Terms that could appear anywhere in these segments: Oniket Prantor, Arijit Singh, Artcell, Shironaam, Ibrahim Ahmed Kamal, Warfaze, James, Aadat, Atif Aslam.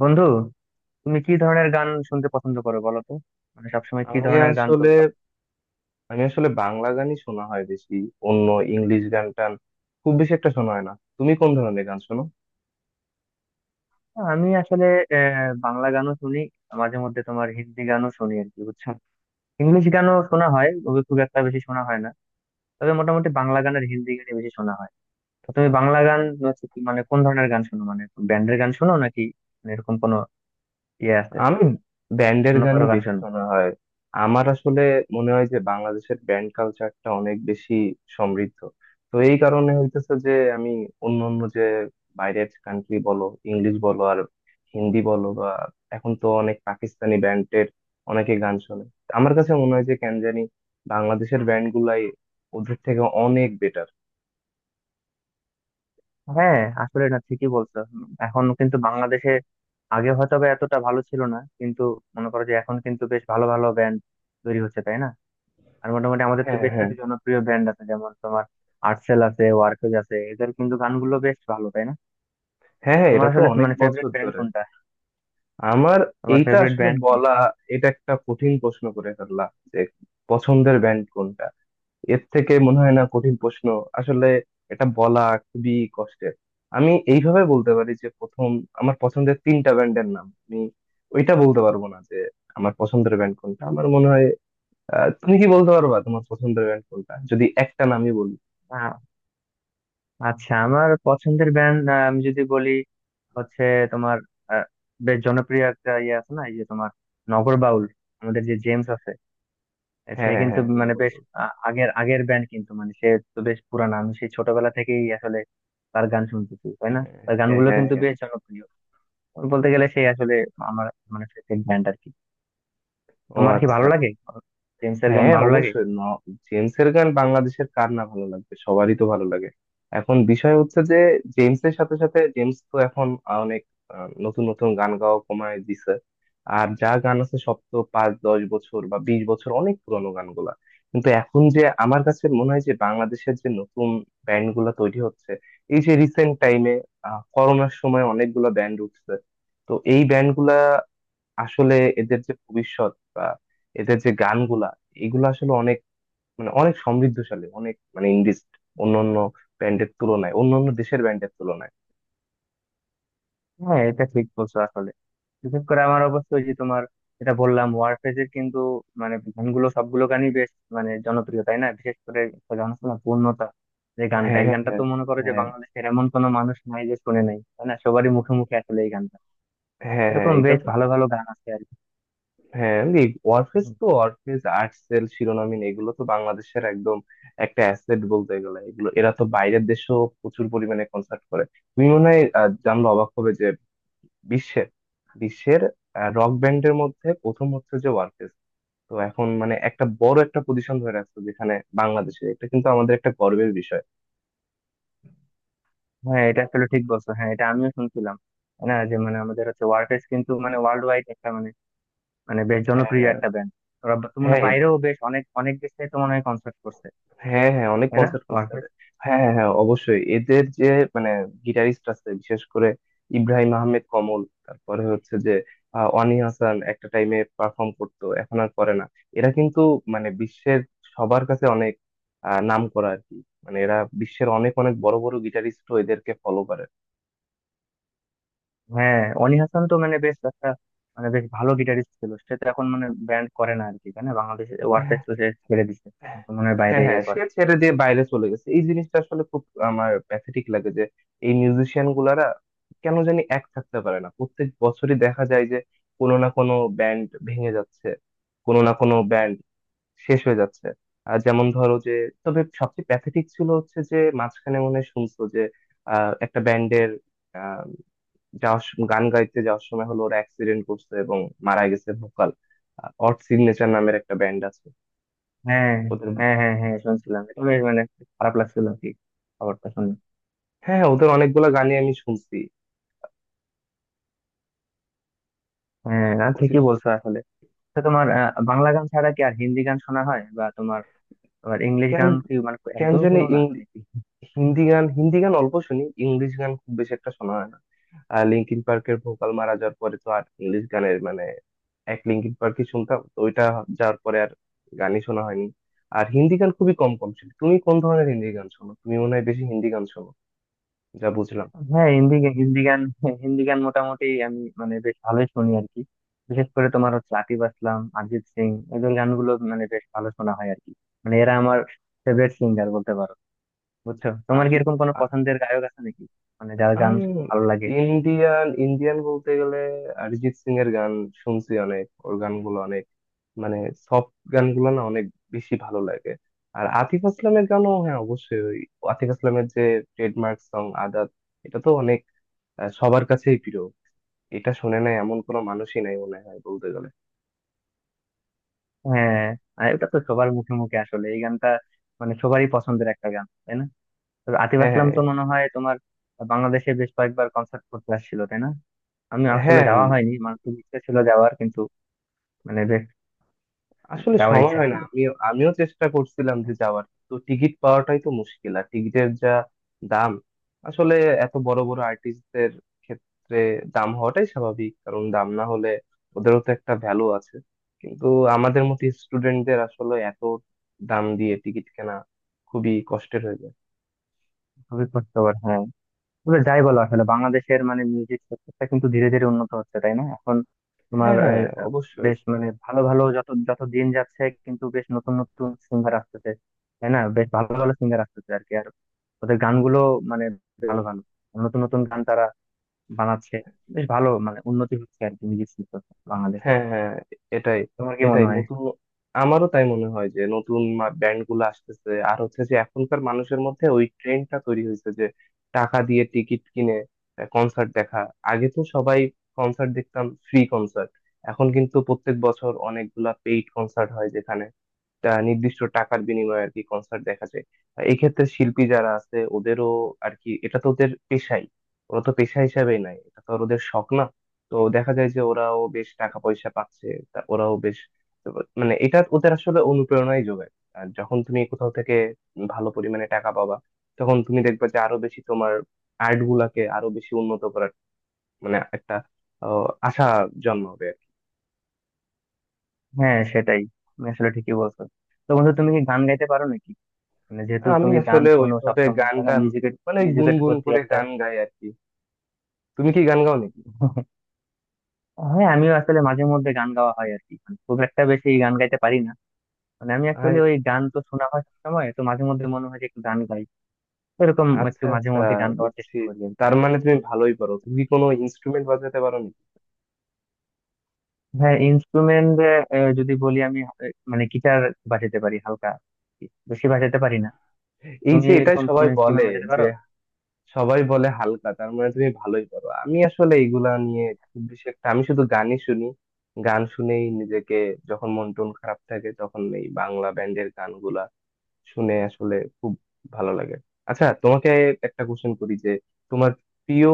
বন্ধু, তুমি কি ধরনের গান শুনতে পছন্দ করো বলো তো। মানে সবসময় কি আমি ধরনের গান আসলে তুমি সব- আমি আসলে বাংলা গানই শোনা হয় বেশি। অন্য ইংলিশ গান টান খুব বেশি একটা শোনা হয় না। তুমি কোন ধরনের গান শোনো? আমি আসলে বাংলা গানও শুনি। মাঝে মধ্যে তোমার হিন্দি গানও শুনি আর কি, বুঝছো? ইংলিশ গানও শোনা হয়, ওগুলো খুব একটা বেশি শোনা হয় না। তবে মোটামুটি বাংলা গান আর হিন্দি গানই বেশি শোনা হয়। তো তুমি বাংলা গান হচ্ছে মানে কোন ধরনের গান শোনো? মানে ব্যান্ডের গান শোনো নাকি, মানে এরকম কোনো ইয়ে আছে? আমি ব্যান্ডের অন্য কারো গানই গান বেশি শোনো? শোনা হয়। আমার আসলে মনে হয় যে বাংলাদেশের ব্যান্ড কালচারটা অনেক বেশি সমৃদ্ধ। তো এই কারণে হইতেছে যে আমি অন্য অন্য যে বাইরের কান্ট্রি বলো, ইংলিশ বলো আর হিন্দি বলো, বা এখন তো অনেক পাকিস্তানি ব্যান্ডের অনেকে গান শোনে। আমার কাছে মনে হয় যে কেন জানি বাংলাদেশের ব্যান্ড গুলাই ওদের থেকে অনেক বেটার। হ্যাঁ, আসলে না, ঠিকই বলছো। এখন কিন্তু বাংলাদেশে, আগে হয়তো বা এতটা ভালো ছিল না, কিন্তু মনে করো যে এখন কিন্তু বেশ ভালো ভালো ব্যান্ড তৈরি হচ্ছে, তাই না? আর মোটামুটি আমাদের তো হ্যাঁ বেশ হ্যাঁ কিছু জনপ্রিয় ব্যান্ড আছে, যেমন তোমার আর্টসেল আছে, ওয়ারফেজ আছে, এদের কিন্তু গানগুলো বেশ ভালো, তাই না? হ্যাঁ হ্যাঁ, তোমার এটা তো আসলে অনেক মানে বছর ফেভারিট ব্যান্ড ধরে। কোনটা? আমার তোমার এইটা ফেভারিট আসলে ব্যান্ড কোন? বলা, এটা একটা কঠিন প্রশ্ন করে ফেললাম যে পছন্দের ব্যান্ড কোনটা। এর থেকে মনে হয় না কঠিন প্রশ্ন আসলে, এটা বলা খুবই কষ্টের। আমি এইভাবে বলতে পারি যে প্রথম আমার পছন্দের তিনটা ব্যান্ডের নাম, আমি ওইটা বলতে পারবো না যে আমার পছন্দের ব্যান্ড কোনটা আমার মনে হয়। তুমি কি বলতে পারবা তোমার পছন্দের ব্যান্ড কোনটা যদি একটা নামই বলি? আ- আচ্ছা, আমার পছন্দের ব্যান্ড আমি যদি বলি হচ্ছে তোমার, আহ, বেশ জনপ্রিয় একটা ইয়ে আছে না, এই যে তোমার নগরবাউল, আমাদের যে জেমস আছে, সে হ্যাঁ হ্যাঁ কিন্তু হ্যাঁ, no মানে বেশ বলবো। আগের আগের ব্যান্ড কিন্তু, মানে সে তো বেশ পুরানা। আমি সেই ছোটবেলা থেকেই আসলে তার গান শুনতেছি, তাই হ্যাঁ না? তার হ্যাঁ গানগুলো হ্যাঁ কিন্তু হ্যাঁ। বেশ জনপ্রিয়, বলতে গেলে সে আসলে আমার মানে ফেভারিট ব্যান্ড আর কি। ও তোমার কি আচ্ছা। ভালো লাগে? জেমস এর গান হ্যাঁ ভালো লাগে? অবশ্যই, জেমসের গান বাংলাদেশের কার না ভালো লাগবে, সবারই তো ভালো লাগে। এখন বিষয় হচ্ছে যে জেমসের সাথে সাথে জেমস তো এখন অনেক নতুন নতুন গান গাওয়া কমায় দিছে। আর যা গান আছে সব তো 5-10 বছর বা 20 বছর, অনেক পুরোনো গানগুলা। কিন্তু এখন যে আমার কাছে মনে হয় যে বাংলাদেশের যে নতুন ব্যান্ড গুলা তৈরি হচ্ছে এই যে রিসেন্ট টাইমে, করোনার সময় অনেকগুলো ব্যান্ড উঠছে। তো এই ব্যান্ড গুলা আসলে, এদের যে ভবিষ্যৎ বা এদের যে গানগুলা এগুলো আসলে অনেক, মানে অনেক সমৃদ্ধশালী, অনেক মানে ইন্ডিজ অন্যান্য ব্যান্ডের তুলনায়, অন্যান্য দেশের ব্যান্ডের তুলনায়। হ্যাঁ, এটা ঠিক বলছো আসলে। বিশেষ করে আমার অবশ্যই, যে তোমার এটা বললাম, ওয়ারফেজ এর কিন্তু মানে গানগুলো সবগুলো গানই বেশ মানে জনপ্রিয়, তাই না? বিশেষ করে একটা গান আছে না, পূর্ণতা, যে গানটা, হ্যাঁ এই গানটা তো হ্যাঁ মনে করো যে হ্যাঁ বাংলাদেশের এমন কোনো মানুষ নাই যে শুনে নাই, তাই না? সবারই মুখে মুখে আসলে এই গান। হ্যাঁ হ্যাঁ, এরকম এটা বেশ তো। ভালো ভালো গান আছে আর কি। হ্যাঁ, এই ওয়ারফেজ হুম। তো, ওয়ারফেজ আর্টসেল শিরোনামহীন এগুলো তো বাংলাদেশের একদম একটা অ্যাসেট বলতে গেলে। এগুলো এরা তো বাইরের দেশেও প্রচুর পরিমাণে কনসার্ট করে। তুমি মনে হয় জানলে অবাক হবে যে বিশ্বের বিশ্বের রক ব্যান্ডের মধ্যে প্রথম হচ্ছে যে ওয়ারফেজ। তো এখন মানে একটা বড় একটা পজিশন ধরে রাখছো যেখানে বাংলাদেশের, এটা কিন্তু আমাদের একটা গর্বের বিষয়। হ্যাঁ, এটা আসলে ঠিক বলছো। হ্যাঁ, এটা আমিও শুনছিলাম না, যে মানে আমাদের হচ্ছে ওয়ারফেজ কিন্তু মানে ওয়ার্ল্ড ওয়াইড একটা মানে, মানে বেশ জনপ্রিয় হ্যাঁ একটা ব্যান্ড। তো মানে হ্যাঁ হ্যাঁ বাইরেও বেশ অনেক অনেক দেশে তো মনে হয় কনসার্ট করছে, হ্যাঁ হ্যাঁ, অনেক তাই না কনসার্ট করছে ওয়ারফেজ? এরা। হ্যাঁ হ্যাঁ হ্যাঁ, অবশ্যই এদের যে মানে গিটারিস্ট আছে বিশেষ করে ইব্রাহিম আহমেদ কমল। তারপরে হচ্ছে যে অনি হাসান একটা টাইমে পারফর্ম করতো, এখন আর করে না। এরা কিন্তু মানে বিশ্বের সবার কাছে অনেক নাম করা আর কি। মানে এরা বিশ্বের অনেক অনেক বড় বড় গিটারিস্ট, এদেরকে ফলো করে। হ্যাঁ, অনি হাসান তো মানে বেশ একটা মানে বেশ ভালো গিটারিস্ট ছিল। সে তো এখন মানে ব্যান্ড করে না আর কি, তাই না? বাংলাদেশে ওয়ারফেজ তো সে ছেড়ে দিছে, এখন তো মনে হয় বাইরে হ্যাঁ হ্যাঁ, ইয়ে সে করে। ছেড়ে দিয়ে বাইরে চলে গেছে, এই জিনিসটা আসলে খুব আমার প্যাথেটিক লাগে যে এই মিউজিশিয়ান গুলারা কেন জানি এক থাকতে পারে না, প্রত্যেক বছরই দেখা যায় যে কোনো না কোনো ব্যান্ড ভেঙে যাচ্ছে, কোনো না কোনো ব্যান্ড শেষ হয়ে যাচ্ছে। আর যেমন ধরো যে, তবে সবচেয়ে প্যাথেটিক ছিল হচ্ছে যে মাঝখানে মনে হয় শুনছো যে একটা ব্যান্ডের আহ গান গাইতে যাওয়ার সময় হলো ওরা অ্যাক্সিডেন্ট করছে এবং মারা গেছে ভোকাল। অড সিগনেচার নামের একটা ব্যান্ড আছে, হ্যাঁ ওদের। হ্যাঁ হ্যাঁ হ্যাঁ, শুনছিলাম এটা। বেশ মানে খারাপ লাগছিল আর কি খবরটা শুনে। হ্যাঁ হ্যাঁ, ওদের অনেকগুলো গানই আমি শুনছি। হ্যাঁ, না, ওই যে, ঠিকই বলছো আসলে। তো তোমার বাংলা গান ছাড়া কি আর হিন্দি গান শোনা হয় বা তোমার আবার ইংলিশ কেন গান কি মানে কেন একদমই জানি শোনো না নাকি? হিন্দি গান হিন্দি গান অল্প শুনি, ইংলিশ গান খুব বেশি একটা শোনা হয় না। আর লিঙ্কিন পার্কের ভোকাল মারা যাওয়ার পরে তো আর ইংলিশ গানের মানে, এক লিঙ্কিন পার্কই শুনতাম তো, ওইটা যাওয়ার পরে আর গানই শোনা হয়নি। আর হিন্দি গান খুবই কম কম শুনি। তুমি কোন ধরনের হিন্দি গান শোনো? তুমি মনে হয় বেশি হিন্দি গান শোনো, যা বুঝলাম। হ্যাঁ, হিন্দি গান, হিন্দি গান মোটামুটি আমি মানে বেশ ভালোই শুনি আর কি। বিশেষ করে তোমার হচ্ছে আতিফ আসলাম, অরিজিৎ সিং, এদের গানগুলো মানে বেশ ভালো শোনা হয় আর কি। মানে এরা আমার ফেভারিট সিঙ্গার বলতে পারো, বুঝছো? তোমার কি আতিফ এরকম কোনো পছন্দের গায়ক আছে নাকি, মানে যার গান আম ভালো লাগে? ইন্ডিয়ান ইন্ডিয়ান বলতে গেলে অরিজিৎ সিং এর গান শুনছি অনেক। ওর গানগুলো অনেক মানে সফট গানগুলো না, অনেক বেশি ভালো লাগে। আর আতিফ আসলামের গানও, হ্যাঁ অবশ্যই, ওই আতিফ আসলামের যে ট্রেডমার্ক সং আদাত, এটা তো অনেক সবার কাছেই প্রিয়। এটা শুনে নাই এমন কোনো মানুষই নাই মনে হয় বলতে গেলে। হ্যাঁ, আর এটা তো সবার মুখে মুখে আসলে এই গানটা, মানে সবারই পছন্দের একটা গান, তাই না? তবে আতিফ হ্যাঁ আসলাম হ্যাঁ তো মনে হয় তোমার বাংলাদেশে বেশ কয়েকবার কনসার্ট করতে আসছিল, তাই না? আমি আসলে হ্যাঁ। যাওয়া হয়নি, মানে খুব ইচ্ছা ছিল যাওয়ার, কিন্তু মানে বেশ আসলে যাওয়ার সময় ইচ্ছা হয় না, ছিল। আমিও আমিও চেষ্টা করছিলাম যে যাওয়ার, তো টিকিট পাওয়াটাই তো মুশকিল, আর টিকিটের যা দাম। আসলে এত বড় বড় আর্টিস্টদের ক্ষেত্রে দাম হওয়াটাই স্বাভাবিক, কারণ দাম না হলে ওদেরও তো একটা ভ্যালু আছে। কিন্তু আমাদের মতো স্টুডেন্টদের আসলে এত দাম দিয়ে টিকিট কেনা খুবই কষ্টের হয়ে যায়। খুবই কষ্টকর, হ্যাঁ। তবে যাই বলো, আসলে বাংলাদেশের মানে মিউজিক সেক্টরটা কিন্তু ধীরে ধীরে উন্নত হচ্ছে, তাই না এখন? তোমার হ্যাঁ আহ, হ্যাঁ, আহ, অবশ্যই। বেশ মানে ভালো ভালো, যত যত দিন যাচ্ছে কিন্তু বেশ নতুন নতুন সিঙ্গার আসতেছে, তাই না? বেশ ভালো ভালো সিঙ্গার আসতেছে আর কি। আর ওদের গানগুলো মানে ভালো ভালো নতুন নতুন গান তারা বানাচ্ছে। বেশ ভালো মানে উন্নতি হচ্ছে আর কি মিউজিক শিল্প বাংলাদেশে। হ্যাঁ হ্যাঁ, এটাই তোমার কি মনে এটাই হয়? নতুন, আমারও তাই মনে হয় যে নতুন ব্যান্ড গুলো আসতেছে আর হচ্ছে যে এখনকার মানুষের মধ্যে ওই ট্রেন্ডটা তৈরি হয়েছে যে টাকা দিয়ে টিকিট কিনে কনসার্ট দেখা। আগে তো সবাই কনসার্ট দেখতাম ফ্রি কনসার্ট, এখন কিন্তু প্রত্যেক বছর অনেকগুলা পেইড কনসার্ট হয় যেখানে নির্দিষ্ট টাকার বিনিময়ে আর কি কনসার্ট দেখা যায়। এই ক্ষেত্রে শিল্পী যারা আছে ওদেরও আর কি, এটা তো ওদের পেশাই, ওরা তো পেশা হিসাবেই নাই, এটা তো আর ওদের শখ না। তো দেখা যায় যে ওরাও বেশ টাকা পয়সা পাচ্ছে, তা ওরাও বেশ মানে, এটা ওদের আসলে অনুপ্রেরণাই যোগায়। আর যখন তুমি কোথাও থেকে ভালো পরিমাণে টাকা পাবা, তখন তুমি দেখবে যে আরো বেশি তোমার আর্ট গুলাকে আরো বেশি উন্নত করার মানে একটা আশা জন্মাবে। হ্যাঁ, সেটাই, তুমি আসলে ঠিকই বলছো। তো বন্ধু, তুমি কি গান গাইতে পারো নাকি? মানে যেহেতু আমি তুমি গান আসলে শোনো ওইভাবে সবসময়, গান তাই না, টান, মিউজিকের, মানে মিউজিকের গুনগুন প্রতি করে একটা গান গাই আর কি। তুমি কি গান গাও নাকি? হ্যাঁ, আমিও আসলে মাঝে মধ্যে গান গাওয়া হয় আর কি। মানে খুব একটা বেশি গান গাইতে পারি না। মানে আমি আয় অ্যাকচুয়ালি ওই গান তো শোনা হয় সবসময় তো মাঝে মধ্যে মনে হয় যে একটু গান গাই, এরকম আচ্ছা একটু মাঝে আচ্ছা, মধ্যে গান গাওয়ার বুঝছি, চেষ্টা করি আর কি। তার মানে তুমি ভালোই পারো। তুমি কি কোনো ইনস্ট্রুমেন্ট বাজাতে পারো নাকি? হ্যাঁ, ইনস্ট্রুমেন্ট যদি বলি, আমি মানে গিটার বাজাতে পারি হালকা, বেশি বাজাতে পারি না। এই তুমি যে এটাই এরকম কোন সবাই বলে ইনস্ট্রুমেন্ট বাজাতে যে, পারো? সবাই বলে হালকা তার মানে তুমি ভালোই পারো। আমি আসলে এইগুলা নিয়ে খুব বেশি একটা, আমি শুধু গানই শুনি। গান শুনেই নিজেকে, যখন মন টন খারাপ থাকে তখন এই বাংলা ব্যান্ডের গানগুলা শুনে আসলে খুব ভালো লাগে। আচ্ছা, তোমাকে একটা কোশ্চেন করি যে, তোমার প্রিয়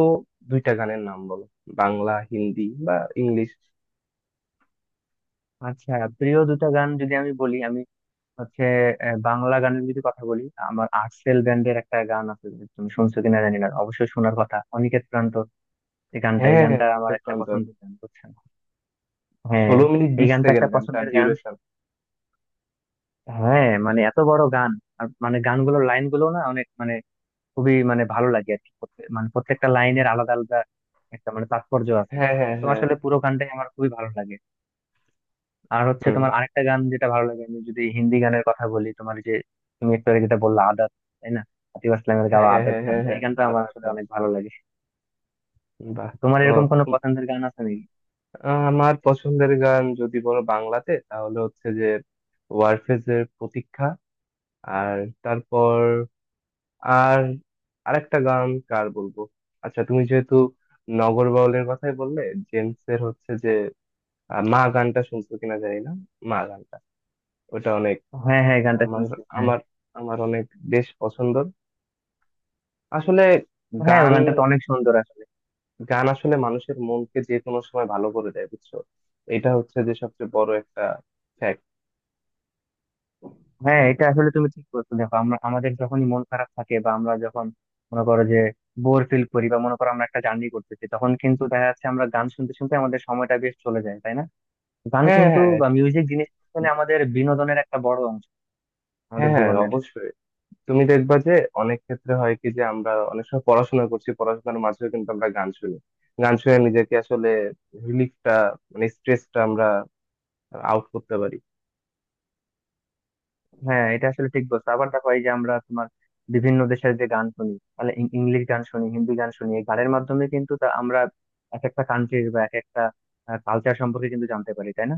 দুইটা গানের নাম বলো, বাংলা হিন্দি বা ইংলিশ। আচ্ছা, প্রিয় দুটো গান যদি আমি বলি, আমি হচ্ছে বাংলা গানের যদি কথা বলি, আমার আর্টসেল ব্যান্ডের একটা গান আছে, যদি তুমি শুনছো কিনা জানি না, অবশ্যই শোনার কথা, অনিকেত প্রান্তর। এই গানটা, এই হ্যাঁ হ্যাঁ, গানটা আমার অনিকেত একটা প্রান্তর, পছন্দের গান, বুঝছেন? হ্যাঁ, ষোলো মিনিট এই বিশ গানটা সেকেন্ড একটা গানটার পছন্দের গান। ডিউরেশন। হ্যাঁ, মানে এত বড় গান, আর মানে গানগুলোর লাইনগুলো না অনেক মানে খুবই মানে ভালো লাগে আর কি। মানে প্রত্যেকটা লাইনের আলাদা আলাদা একটা মানে তাৎপর্য আছে। হ্যাঁ হ্যাঁ তো হ্যাঁ। আসলে পুরো গানটাই আমার খুবই ভালো লাগে। আর হচ্ছে হুম। তোমার আরেকটা গান যেটা ভালো লাগে, আমি যদি হিন্দি গানের কথা বলি, তোমার যে তুমি একটু আগে যেটা বললা, আদাত, তাই না? আতিফ আসলামের হ্যাঁ গাওয়া হ্যাঁ আদাত হ্যাঁ গান, হ্যাঁ তো এই হ্যাঁ, গানটা আমার আধা আসলে আধা, অনেক ভালো লাগে। বাহ। তোমার ও, এরকম কোনো তুম- পছন্দের গান আছে নাকি? আমার পছন্দের গান যদি বলো বাংলাতে, তাহলে হচ্ছে যে ওয়ারফেজের প্রতীক্ষা, আর তারপর আর আরেকটা গান কার বলবো? আচ্ছা, তুমি যেহেতু নগর বাউলের কথাই বললে, জেমস এর হচ্ছে যে মা গানটা শুনছো কিনা জানি না, মা গানটা ওটা অনেক, হ্যাঁ হ্যাঁ, এই গানটা আমার শুনছি, হ্যাঁ। আমার আমার অনেক বেশ পছন্দ আসলে হ্যাঁ, ওই গান। গানটা তো অনেক সুন্দর আসলে। গান আসলে মানুষের মনকে যে কোনো সময় ভালো করে দেয়, বুঝছো? এটা হচ্ছে যে সবচেয়ে বড় একটা ফ্যাক্ট। হ্যাঁ, এটা আসলে তুমি ঠিক বলছো। দেখো, আমরা আমাদের যখনই মন খারাপ থাকে, বা আমরা যখন মনে করো যে বোর ফিল করি, বা মনে করো আমরা একটা জার্নি করতেছি, তখন কিন্তু দেখা যাচ্ছে আমরা গান শুনতে শুনতে আমাদের সময়টা বেশ চলে যায়, তাই না? গান হ্যাঁ কিন্তু হ্যাঁ বা মিউজিক জিনিস আসলে আমাদের বিনোদনের একটা বড় অংশ হ্যাঁ আমাদের হ্যাঁ জীবনের। অবশ্যই। তুমি দেখবা যে অনেক ক্ষেত্রে হয় কি, যে আমরা অনেক সময় পড়াশোনা করছি, পড়াশোনার মাঝেও কিন্তু আমরা গান শুনি। গান শুনে নিজেকে আসলে রিলিফটা, মানে স্ট্রেসটা আমরা আউট করতে পারি। হ্যাঁ, এটা আসলে ঠিক বলছো। আবার দেখো, এই যে আমরা তোমার বিভিন্ন দেশের যে গান শুনি, তাহলে ইংলিশ গান শুনি, হিন্দি গান শুনি, এই গানের মাধ্যমে কিন্তু তা আমরা এক একটা কান্ট্রির বা এক একটা কালচার সম্পর্কে কিন্তু জানতে পারি, তাই না?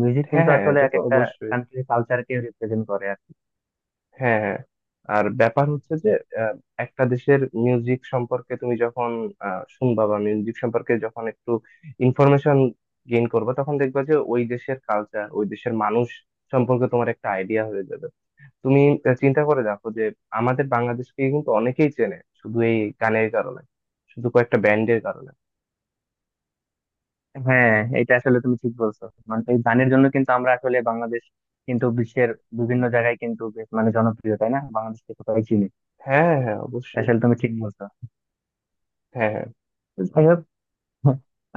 মিউজিক হ্যাঁ কিন্তু হ্যাঁ, আসলে এটা এক তো একটা অবশ্যই। কান্ট্রির কালচারকে রিপ্রেজেন্ট করে আর কি। হ্যাঁ হ্যাঁ, আর ব্যাপার হচ্ছে যে আহ, একটা দেশের মিউজিক সম্পর্কে তুমি যখন শুনবা বা মিউজিক সম্পর্কে যখন একটু ইনফরমেশন গেইন করবে, তখন দেখবা যে ওই দেশের কালচার, ওই দেশের মানুষ সম্পর্কে তোমার একটা আইডিয়া হয়ে যাবে। তুমি চিন্তা করে দেখো যে আমাদের বাংলাদেশকে কিন্তু অনেকেই চেনে শুধু এই গানের কারণে, শুধু কয়েকটা ব্যান্ডের কারণে। হ্যাঁ, এটা আসলে তুমি ঠিক বলছো। মানে এই গানের জন্য কিন্তু আমরা আসলে বাংলাদেশ কিন্তু বিশ্বের বিভিন্ন জায়গায় কিন্তু বেশ মানে জনপ্রিয়, তাই না? বাংলাদেশকে সবাই চিনি। হ্যাঁ হ্যাঁ হ্যাঁ, এটা অবশ্যই। আসলে তুমি ঠিক বলছো। হ্যাঁ হ্যাঁ যাই হোক,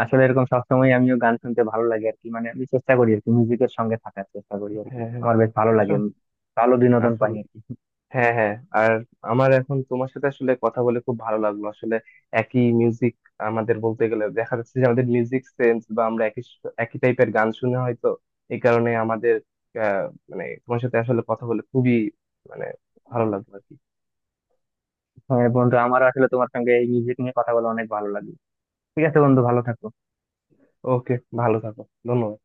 আসলে এরকম সবসময় আমিও গান শুনতে ভালো লাগে আর কি। মানে আমি চেষ্টা করি আর কি মিউজিকের সঙ্গে থাকার চেষ্টা করি আর কি, হ্যাঁ হ্যাঁ আমার বেশ ভালো লাগে, ভালো বিনোদন পাই আসলে। আর কি। হ্যাঁ হ্যাঁ, আর আমার এখন তোমার সাথে আসলে কথা বলে খুব ভালো লাগলো আসলে। একই মিউজিক, আমাদের বলতে গেলে দেখা যাচ্ছে যে আমাদের মিউজিক সেন্স, বা আমরা একই একই টাইপের গান শুনে হয়তো, এই কারণে আমাদের আহ মানে তোমার সাথে আসলে কথা বলে খুবই মানে ভালো লাগলো আর কি। হ্যাঁ বন্ধু, আমারও আসলে তোমার সঙ্গে এই মিউজিক নিয়ে কথা বলে অনেক ভালো লাগে। ঠিক আছে বন্ধু, ভালো থাকো। ওকে, ভালো থাকো, ধন্যবাদ।